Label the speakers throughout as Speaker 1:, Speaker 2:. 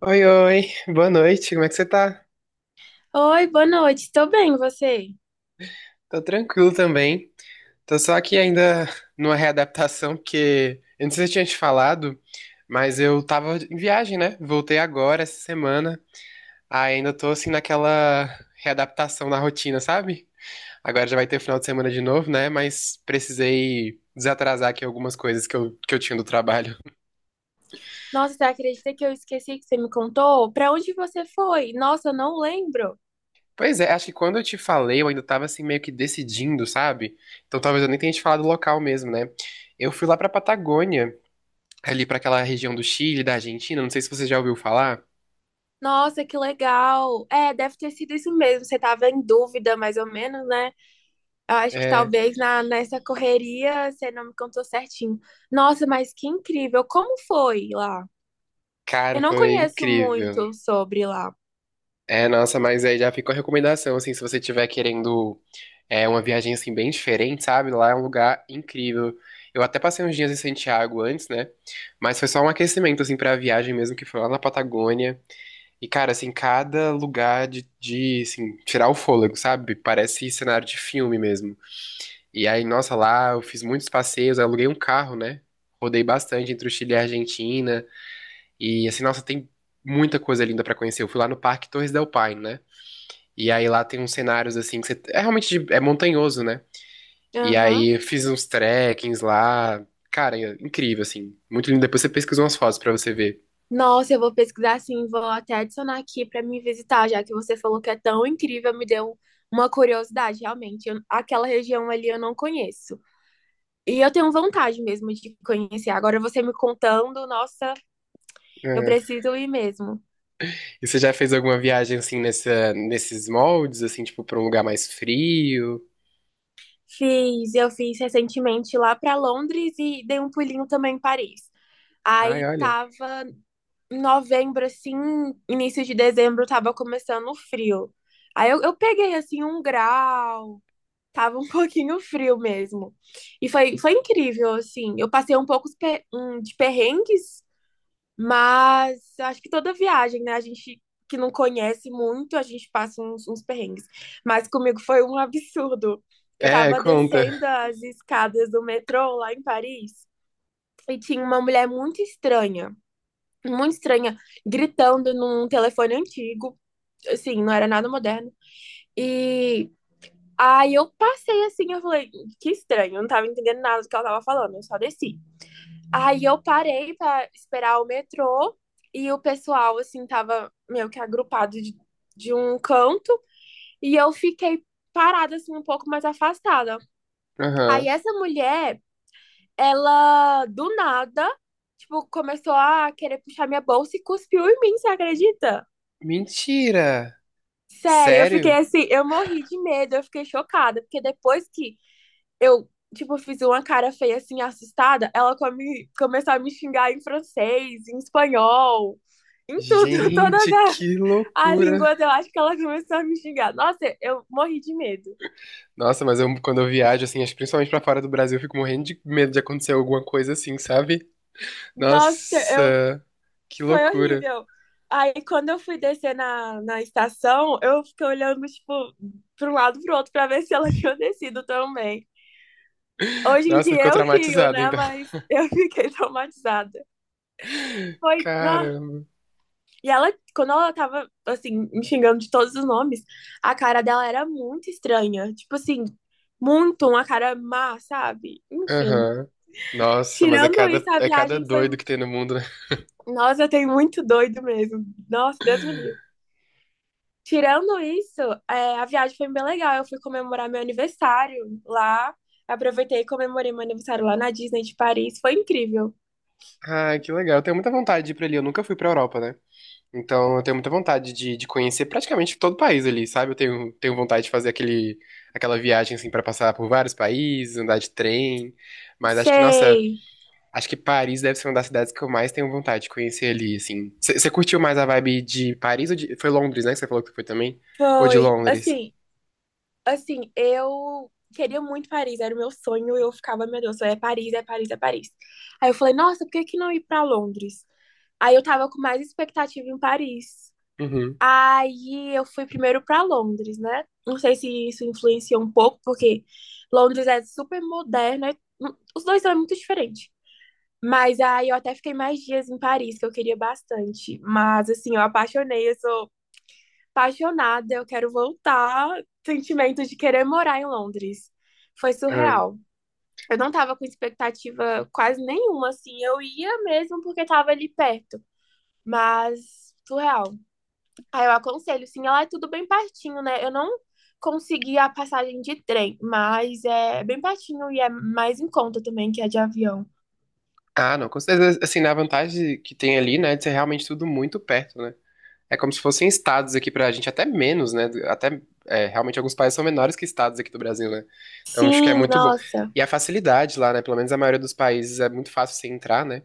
Speaker 1: Oi, oi, boa noite, como é que você tá?
Speaker 2: Oi, boa noite. Tô bem, e você?
Speaker 1: Tô tranquilo também. Tô só aqui ainda numa readaptação, porque eu não sei se eu tinha te falado, mas eu tava em viagem, né? Voltei agora, essa semana. Aí ainda tô assim naquela readaptação na rotina, sabe? Agora já vai ter final de semana de novo, né? Mas precisei desatrasar aqui algumas coisas que eu tinha do trabalho.
Speaker 2: Nossa, você acredita que eu esqueci que você me contou? Pra onde você foi? Nossa, eu não lembro.
Speaker 1: Pois é, acho que quando eu te falei, eu ainda tava assim meio que decidindo, sabe? Então talvez eu nem tenha te falado o local mesmo, né? Eu fui lá pra Patagônia, ali pra aquela região do Chile, da Argentina, não sei se você já ouviu falar.
Speaker 2: Nossa, que legal. É, deve ter sido isso mesmo. Você tava em dúvida, mais ou menos, né? Eu acho que
Speaker 1: É,
Speaker 2: talvez nessa correria você não me contou certinho. Nossa, mas que incrível. Como foi lá? Eu
Speaker 1: cara,
Speaker 2: não
Speaker 1: foi
Speaker 2: conheço
Speaker 1: incrível.
Speaker 2: muito sobre lá.
Speaker 1: É, nossa, mas aí já fica a recomendação, assim, se você estiver querendo uma viagem, assim, bem diferente, sabe? Lá é um lugar incrível. Eu até passei uns dias em Santiago antes, né? Mas foi só um aquecimento, assim, pra viagem mesmo, que foi lá na Patagônia. E, cara, assim, cada lugar de assim, tirar o fôlego, sabe? Parece cenário de filme mesmo. E aí, nossa, lá eu fiz muitos passeios, eu aluguei um carro, né? Rodei bastante entre o Chile e a Argentina. E assim, nossa, tem muita coisa linda pra conhecer. Eu fui lá no Parque Torres del Paine, né? E aí lá tem uns cenários assim que você é realmente é montanhoso, né? E
Speaker 2: Aham.
Speaker 1: aí eu fiz uns trekkings lá. Cara, é incrível assim, muito lindo. Depois você pesquisa umas fotos pra você ver.
Speaker 2: Nossa, eu vou pesquisar sim, vou até adicionar aqui para me visitar, já que você falou que é tão incrível, me deu uma curiosidade, realmente. Eu- aquela região ali eu não conheço. E eu tenho vontade mesmo de conhecer. Agora você me contando, nossa, eu
Speaker 1: É.
Speaker 2: preciso ir mesmo.
Speaker 1: E você já fez alguma viagem assim nesses moldes assim, tipo pra um lugar mais frio?
Speaker 2: Fiz, eu fiz recentemente lá para Londres e dei um pulinho também em Paris.
Speaker 1: Ai,
Speaker 2: Aí
Speaker 1: olha.
Speaker 2: tava em novembro, assim, início de dezembro, tava começando o frio. Aí eu peguei assim um grau. Tava um pouquinho frio mesmo. E foi, foi incrível, assim. Eu passei um pouco os de perrengues, mas acho que toda viagem, né? A gente que não conhece muito, a gente passa uns perrengues. Mas comigo foi um absurdo. Eu
Speaker 1: É,
Speaker 2: tava
Speaker 1: conta.
Speaker 2: descendo as escadas do metrô lá em Paris e tinha uma mulher muito estranha, gritando num telefone antigo. Assim, não era nada moderno. E Aí eu passei assim, eu falei, que estranho, eu não tava entendendo nada do que ela tava falando, eu só desci. Aí eu parei pra esperar o metrô e o pessoal, assim, tava meio que agrupado de um canto e eu fiquei parada, assim, um pouco mais afastada. Aí
Speaker 1: Aham.
Speaker 2: essa mulher, ela do nada, tipo, começou a querer puxar minha bolsa e cuspiu em mim, você acredita?
Speaker 1: Mentira.
Speaker 2: Sério, eu fiquei
Speaker 1: Sério?
Speaker 2: assim, eu morri de medo, eu fiquei chocada, porque depois que eu, tipo, fiz uma cara feia, assim, assustada, ela começou a me xingar em francês, em espanhol, em tudo,
Speaker 1: Gente, que
Speaker 2: as
Speaker 1: loucura.
Speaker 2: línguas, eu acho que ela começou a me xingar. Nossa, eu morri de medo.
Speaker 1: Nossa, mas eu, quando eu viajo, assim, acho que principalmente pra fora do Brasil, eu fico morrendo de medo de acontecer alguma coisa assim, sabe?
Speaker 2: Nossa, eu,
Speaker 1: Nossa, que
Speaker 2: foi
Speaker 1: loucura.
Speaker 2: horrível. Aí, quando eu fui descer na estação, eu fiquei olhando, tipo, para um lado e pro outro para ver se ela tinha descido também. Hoje em
Speaker 1: Nossa,
Speaker 2: dia
Speaker 1: ficou
Speaker 2: eu rio,
Speaker 1: traumatizado,
Speaker 2: né?
Speaker 1: então.
Speaker 2: Mas eu fiquei traumatizada. Foi, ah,
Speaker 1: Caramba.
Speaker 2: e ela, quando ela tava, assim, me xingando de todos os nomes, a cara dela era muito estranha. Tipo assim, muito uma cara má, sabe? Enfim.
Speaker 1: Aham. Nossa, mas é
Speaker 2: Tirando
Speaker 1: cada,
Speaker 2: isso, a
Speaker 1: é cada
Speaker 2: viagem foi.
Speaker 1: doido que tem no mundo, né?
Speaker 2: Nossa, tem muito doido mesmo. Nossa, Deus me livre. Tirando isso, é, a viagem foi bem legal. Eu fui comemorar meu aniversário lá. Aproveitei e comemorei meu aniversário lá na Disney de Paris. Foi incrível.
Speaker 1: Ai, que legal. Eu tenho muita vontade de ir pra ali. Eu nunca fui pra Europa, né? Então, eu tenho muita vontade de conhecer praticamente todo o país ali, sabe? Eu tenho vontade de fazer aquela viagem, assim, pra passar por vários países, andar de trem. Mas acho que, nossa,
Speaker 2: Sei.
Speaker 1: acho que Paris deve ser uma das cidades que eu mais tenho vontade de conhecer ali, assim. Você curtiu mais a vibe de Paris ou de... Foi Londres, né? Que você falou que foi também? Ou de
Speaker 2: Foi.
Speaker 1: Londres?
Speaker 2: Assim, eu queria muito Paris, era o meu sonho, eu ficava, meu Deus, é Paris, é Paris, é Paris. Aí eu falei, nossa, por que que não ir para Londres? Aí eu tava com mais expectativa em Paris.
Speaker 1: Uhum.
Speaker 2: Aí eu fui primeiro para Londres, né? Não sei se isso influencia um pouco, porque Londres é super moderna, e os dois são muito diferentes. Mas aí eu até fiquei mais dias em Paris, que eu queria bastante. Mas assim, eu apaixonei, eu sou apaixonada, eu quero voltar. Sentimento de querer morar em Londres. Foi
Speaker 1: Ah.
Speaker 2: surreal. Eu não tava com expectativa quase nenhuma, assim. Eu ia mesmo porque tava ali perto. Mas, surreal. Aí eu aconselho, sim, ela é tudo bem pertinho, né? Eu não consegui a passagem de trem, mas é bem pertinho e é mais em conta também que a de avião.
Speaker 1: Ah, não. Com certeza, assim, na vantagem que tem ali, né? De ser realmente tudo muito perto, né? É como se fossem estados aqui pra gente, até menos, né? Até, realmente alguns países são menores que estados aqui do Brasil, né? Então acho que é
Speaker 2: Sim,
Speaker 1: muito bom.
Speaker 2: nossa.
Speaker 1: E a facilidade lá, né? Pelo menos a maioria dos países é muito fácil você entrar, né?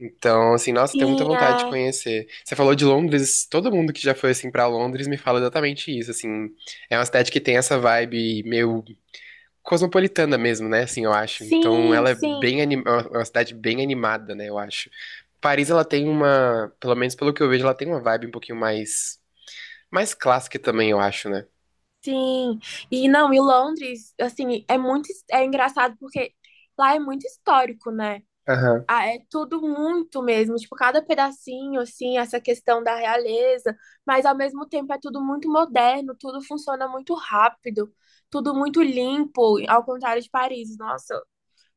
Speaker 1: Então, assim, nossa, tenho muita
Speaker 2: Sim,
Speaker 1: vontade de
Speaker 2: é.
Speaker 1: conhecer. Você falou de Londres, todo mundo que já foi, assim, pra Londres me fala exatamente isso, assim. É uma cidade que tem essa vibe meio cosmopolitana mesmo, né? Assim, eu acho. Então,
Speaker 2: Sim,
Speaker 1: ela é
Speaker 2: sim.
Speaker 1: bem anim... é uma cidade bem animada, né? Eu acho. Paris, ela tem uma, pelo menos pelo que eu vejo, ela tem uma vibe um pouquinho mais clássica também, eu acho, né?
Speaker 2: Sim, e não, e Londres, assim, é muito, é engraçado porque lá é muito histórico, né?
Speaker 1: Aham,
Speaker 2: Ah, é tudo muito mesmo, tipo, cada pedacinho, assim, essa questão da realeza, mas ao mesmo tempo é tudo muito moderno, tudo funciona muito rápido, tudo muito limpo, ao contrário de Paris. Nossa,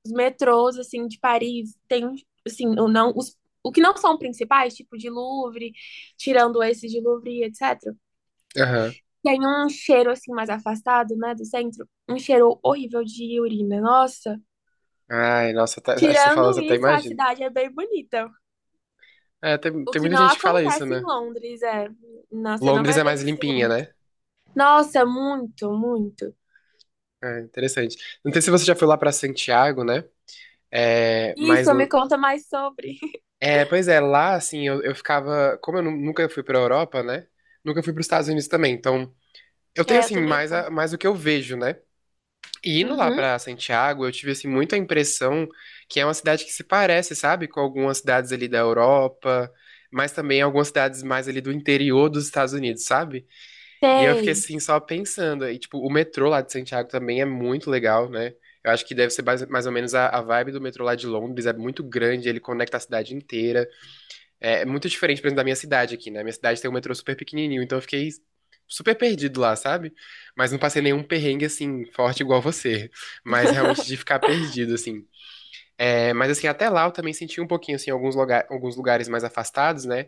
Speaker 2: os metrôs, assim, de Paris tem, assim, o que não são principais, tipo de Louvre, tirando esses de Louvre, etc.
Speaker 1: aham.
Speaker 2: Tem um cheiro assim mais afastado, né, do centro, um cheiro horrível de urina. Nossa,
Speaker 1: Ai, nossa, acho que você falou,
Speaker 2: tirando
Speaker 1: eu até
Speaker 2: isso, a
Speaker 1: imagino.
Speaker 2: cidade é bem bonita.
Speaker 1: É, tem,
Speaker 2: O
Speaker 1: tem
Speaker 2: que
Speaker 1: muita
Speaker 2: não
Speaker 1: gente que fala isso,
Speaker 2: acontece em
Speaker 1: né?
Speaker 2: Londres, é. Não, você não
Speaker 1: Londres
Speaker 2: vai
Speaker 1: é
Speaker 2: ver
Speaker 1: mais
Speaker 2: isso em
Speaker 1: limpinha,
Speaker 2: Londres.
Speaker 1: né?
Speaker 2: Nossa, muito, muito.
Speaker 1: É, interessante. Não sei se você já foi lá pra Santiago, né? É, mas.
Speaker 2: Isso, me conta mais sobre.
Speaker 1: É, pois é, lá, assim, eu ficava. Como eu nunca fui pra Europa, né? Nunca fui pros Estados Unidos também. Então, eu tenho,
Speaker 2: É, eu
Speaker 1: assim,
Speaker 2: também
Speaker 1: mais,
Speaker 2: não.
Speaker 1: a- mais o que eu vejo, né? E indo lá
Speaker 2: Uhum.
Speaker 1: pra Santiago, eu tive assim muita impressão que é uma cidade que se parece, sabe, com algumas cidades ali da Europa, mas também algumas cidades mais ali do interior dos Estados Unidos, sabe? E eu fiquei
Speaker 2: Sei.
Speaker 1: assim só pensando, e tipo, o metrô lá de Santiago também é muito legal, né? Eu acho que deve ser mais ou menos a vibe do metrô lá de Londres, é muito grande, ele conecta a cidade inteira. É muito diferente, por exemplo, da minha cidade aqui, né? Minha cidade tem um metrô super pequenininho, então eu fiquei super perdido lá, sabe? Mas não passei nenhum perrengue, assim, forte igual você. Mas realmente de ficar perdido, assim. É, mas assim, até lá eu também senti um pouquinho, assim, alguns lugares mais afastados, né?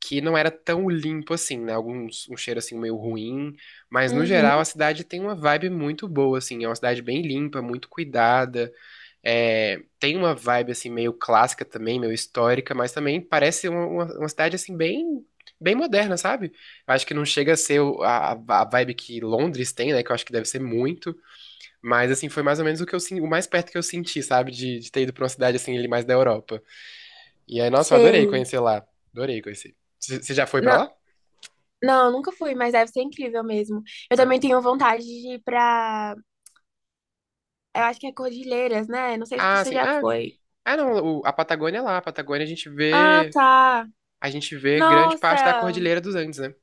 Speaker 1: Que não era tão limpo assim, né? Alguns, um cheiro, assim, meio ruim. Mas no
Speaker 2: Uhum,
Speaker 1: geral a cidade tem uma vibe muito boa, assim. É uma cidade bem limpa, muito cuidada. É, tem uma vibe assim meio clássica também, meio histórica, mas também parece uma cidade assim bem moderna, sabe? Eu acho que não chega a ser a vibe que Londres tem, né? Que eu acho que deve ser muito, mas assim foi mais ou menos o mais perto que eu senti, sabe? De ter ido pra uma cidade assim ali mais da Europa. E aí, nossa, eu adorei
Speaker 2: sei.
Speaker 1: conhecer lá, adorei conhecer. Você já foi pra
Speaker 2: Não,
Speaker 1: lá?
Speaker 2: não, eu nunca fui, mas deve ser incrível mesmo. Eu
Speaker 1: É.
Speaker 2: também tenho vontade de ir pra. Eu acho que é Cordilheiras, né? Não sei se
Speaker 1: Ah,
Speaker 2: você
Speaker 1: sim.
Speaker 2: já
Speaker 1: Ah,
Speaker 2: foi.
Speaker 1: ah não. A Patagônia é lá. A Patagônia a gente
Speaker 2: Ah,
Speaker 1: vê
Speaker 2: tá.
Speaker 1: a gente vê grande parte da
Speaker 2: Nossa,
Speaker 1: Cordilheira dos Andes, né?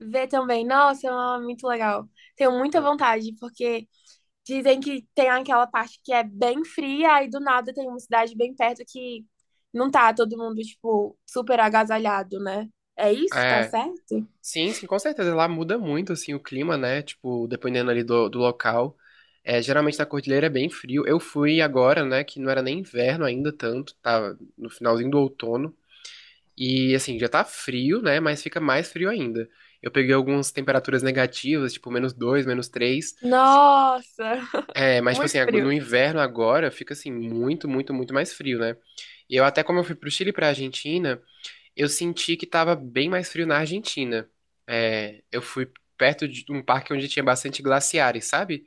Speaker 2: ver também. Nossa, é muito legal. Tenho muita vontade, porque dizem que tem aquela parte que é bem fria, aí do nada tem uma cidade bem perto que não tá todo mundo, tipo, super agasalhado, né? É isso? Tá
Speaker 1: É.
Speaker 2: certo?
Speaker 1: Sim, sim, com certeza. Lá muda muito, assim, o clima, né? Tipo, dependendo ali do local. É, geralmente na cordilheira é bem frio. Eu fui agora, né, que não era nem inverno ainda tanto, tava no finalzinho do outono. E, assim, já tá frio, né, mas fica mais frio ainda. Eu peguei algumas temperaturas negativas, tipo, menos dois, menos três.
Speaker 2: Nossa,
Speaker 1: É, mas, tipo assim,
Speaker 2: muito frio.
Speaker 1: no inverno agora fica, assim, muito, muito, muito mais frio, né? E eu até, como eu fui pro Chile e pra Argentina... Eu senti que tava bem mais frio na Argentina. É, eu fui perto de um parque onde tinha bastante glaciares, sabe?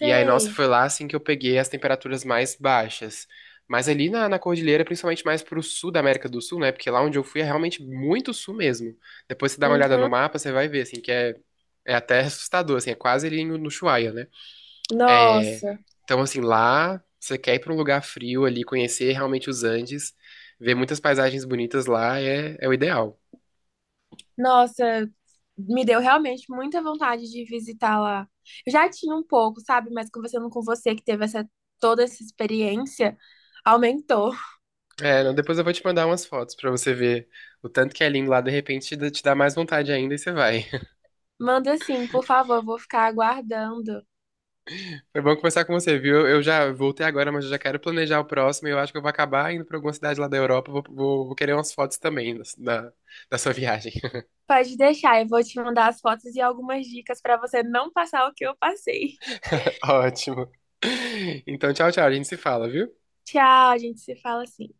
Speaker 1: E aí, nossa, foi lá assim que eu peguei as temperaturas mais baixas. Mas ali na cordilheira, principalmente mais pro sul da América do Sul, né? Porque lá onde eu fui é realmente muito sul mesmo. Depois você dá uma olhada no
Speaker 2: Uhum.
Speaker 1: mapa, você vai ver, assim, que é até assustador, assim, é quase ali no Ushuaia, né? É,
Speaker 2: Nossa,
Speaker 1: então, assim, lá você quer ir pra um lugar frio ali, conhecer realmente os Andes, ver muitas paisagens bonitas lá é o ideal.
Speaker 2: nossa, me deu realmente muita vontade de visitar lá. Eu já tinha um pouco, sabe? Mas conversando com você que teve essa toda essa experiência, aumentou.
Speaker 1: É, não, depois eu vou te mandar umas fotos pra você ver o tanto que é lindo lá. De repente te dá mais vontade ainda e você vai.
Speaker 2: Manda sim, por favor, vou ficar aguardando.
Speaker 1: Foi bom conversar com você, viu? Eu já voltei agora, mas eu já quero planejar o próximo. E eu acho que eu vou acabar indo pra alguma cidade lá da Europa. Vou querer umas fotos também da sua viagem.
Speaker 2: Pode deixar, eu vou te mandar as fotos e algumas dicas para você não passar o que eu passei.
Speaker 1: Ótimo. Então, tchau, tchau. A gente se fala, viu?
Speaker 2: Tchau, a gente se fala assim.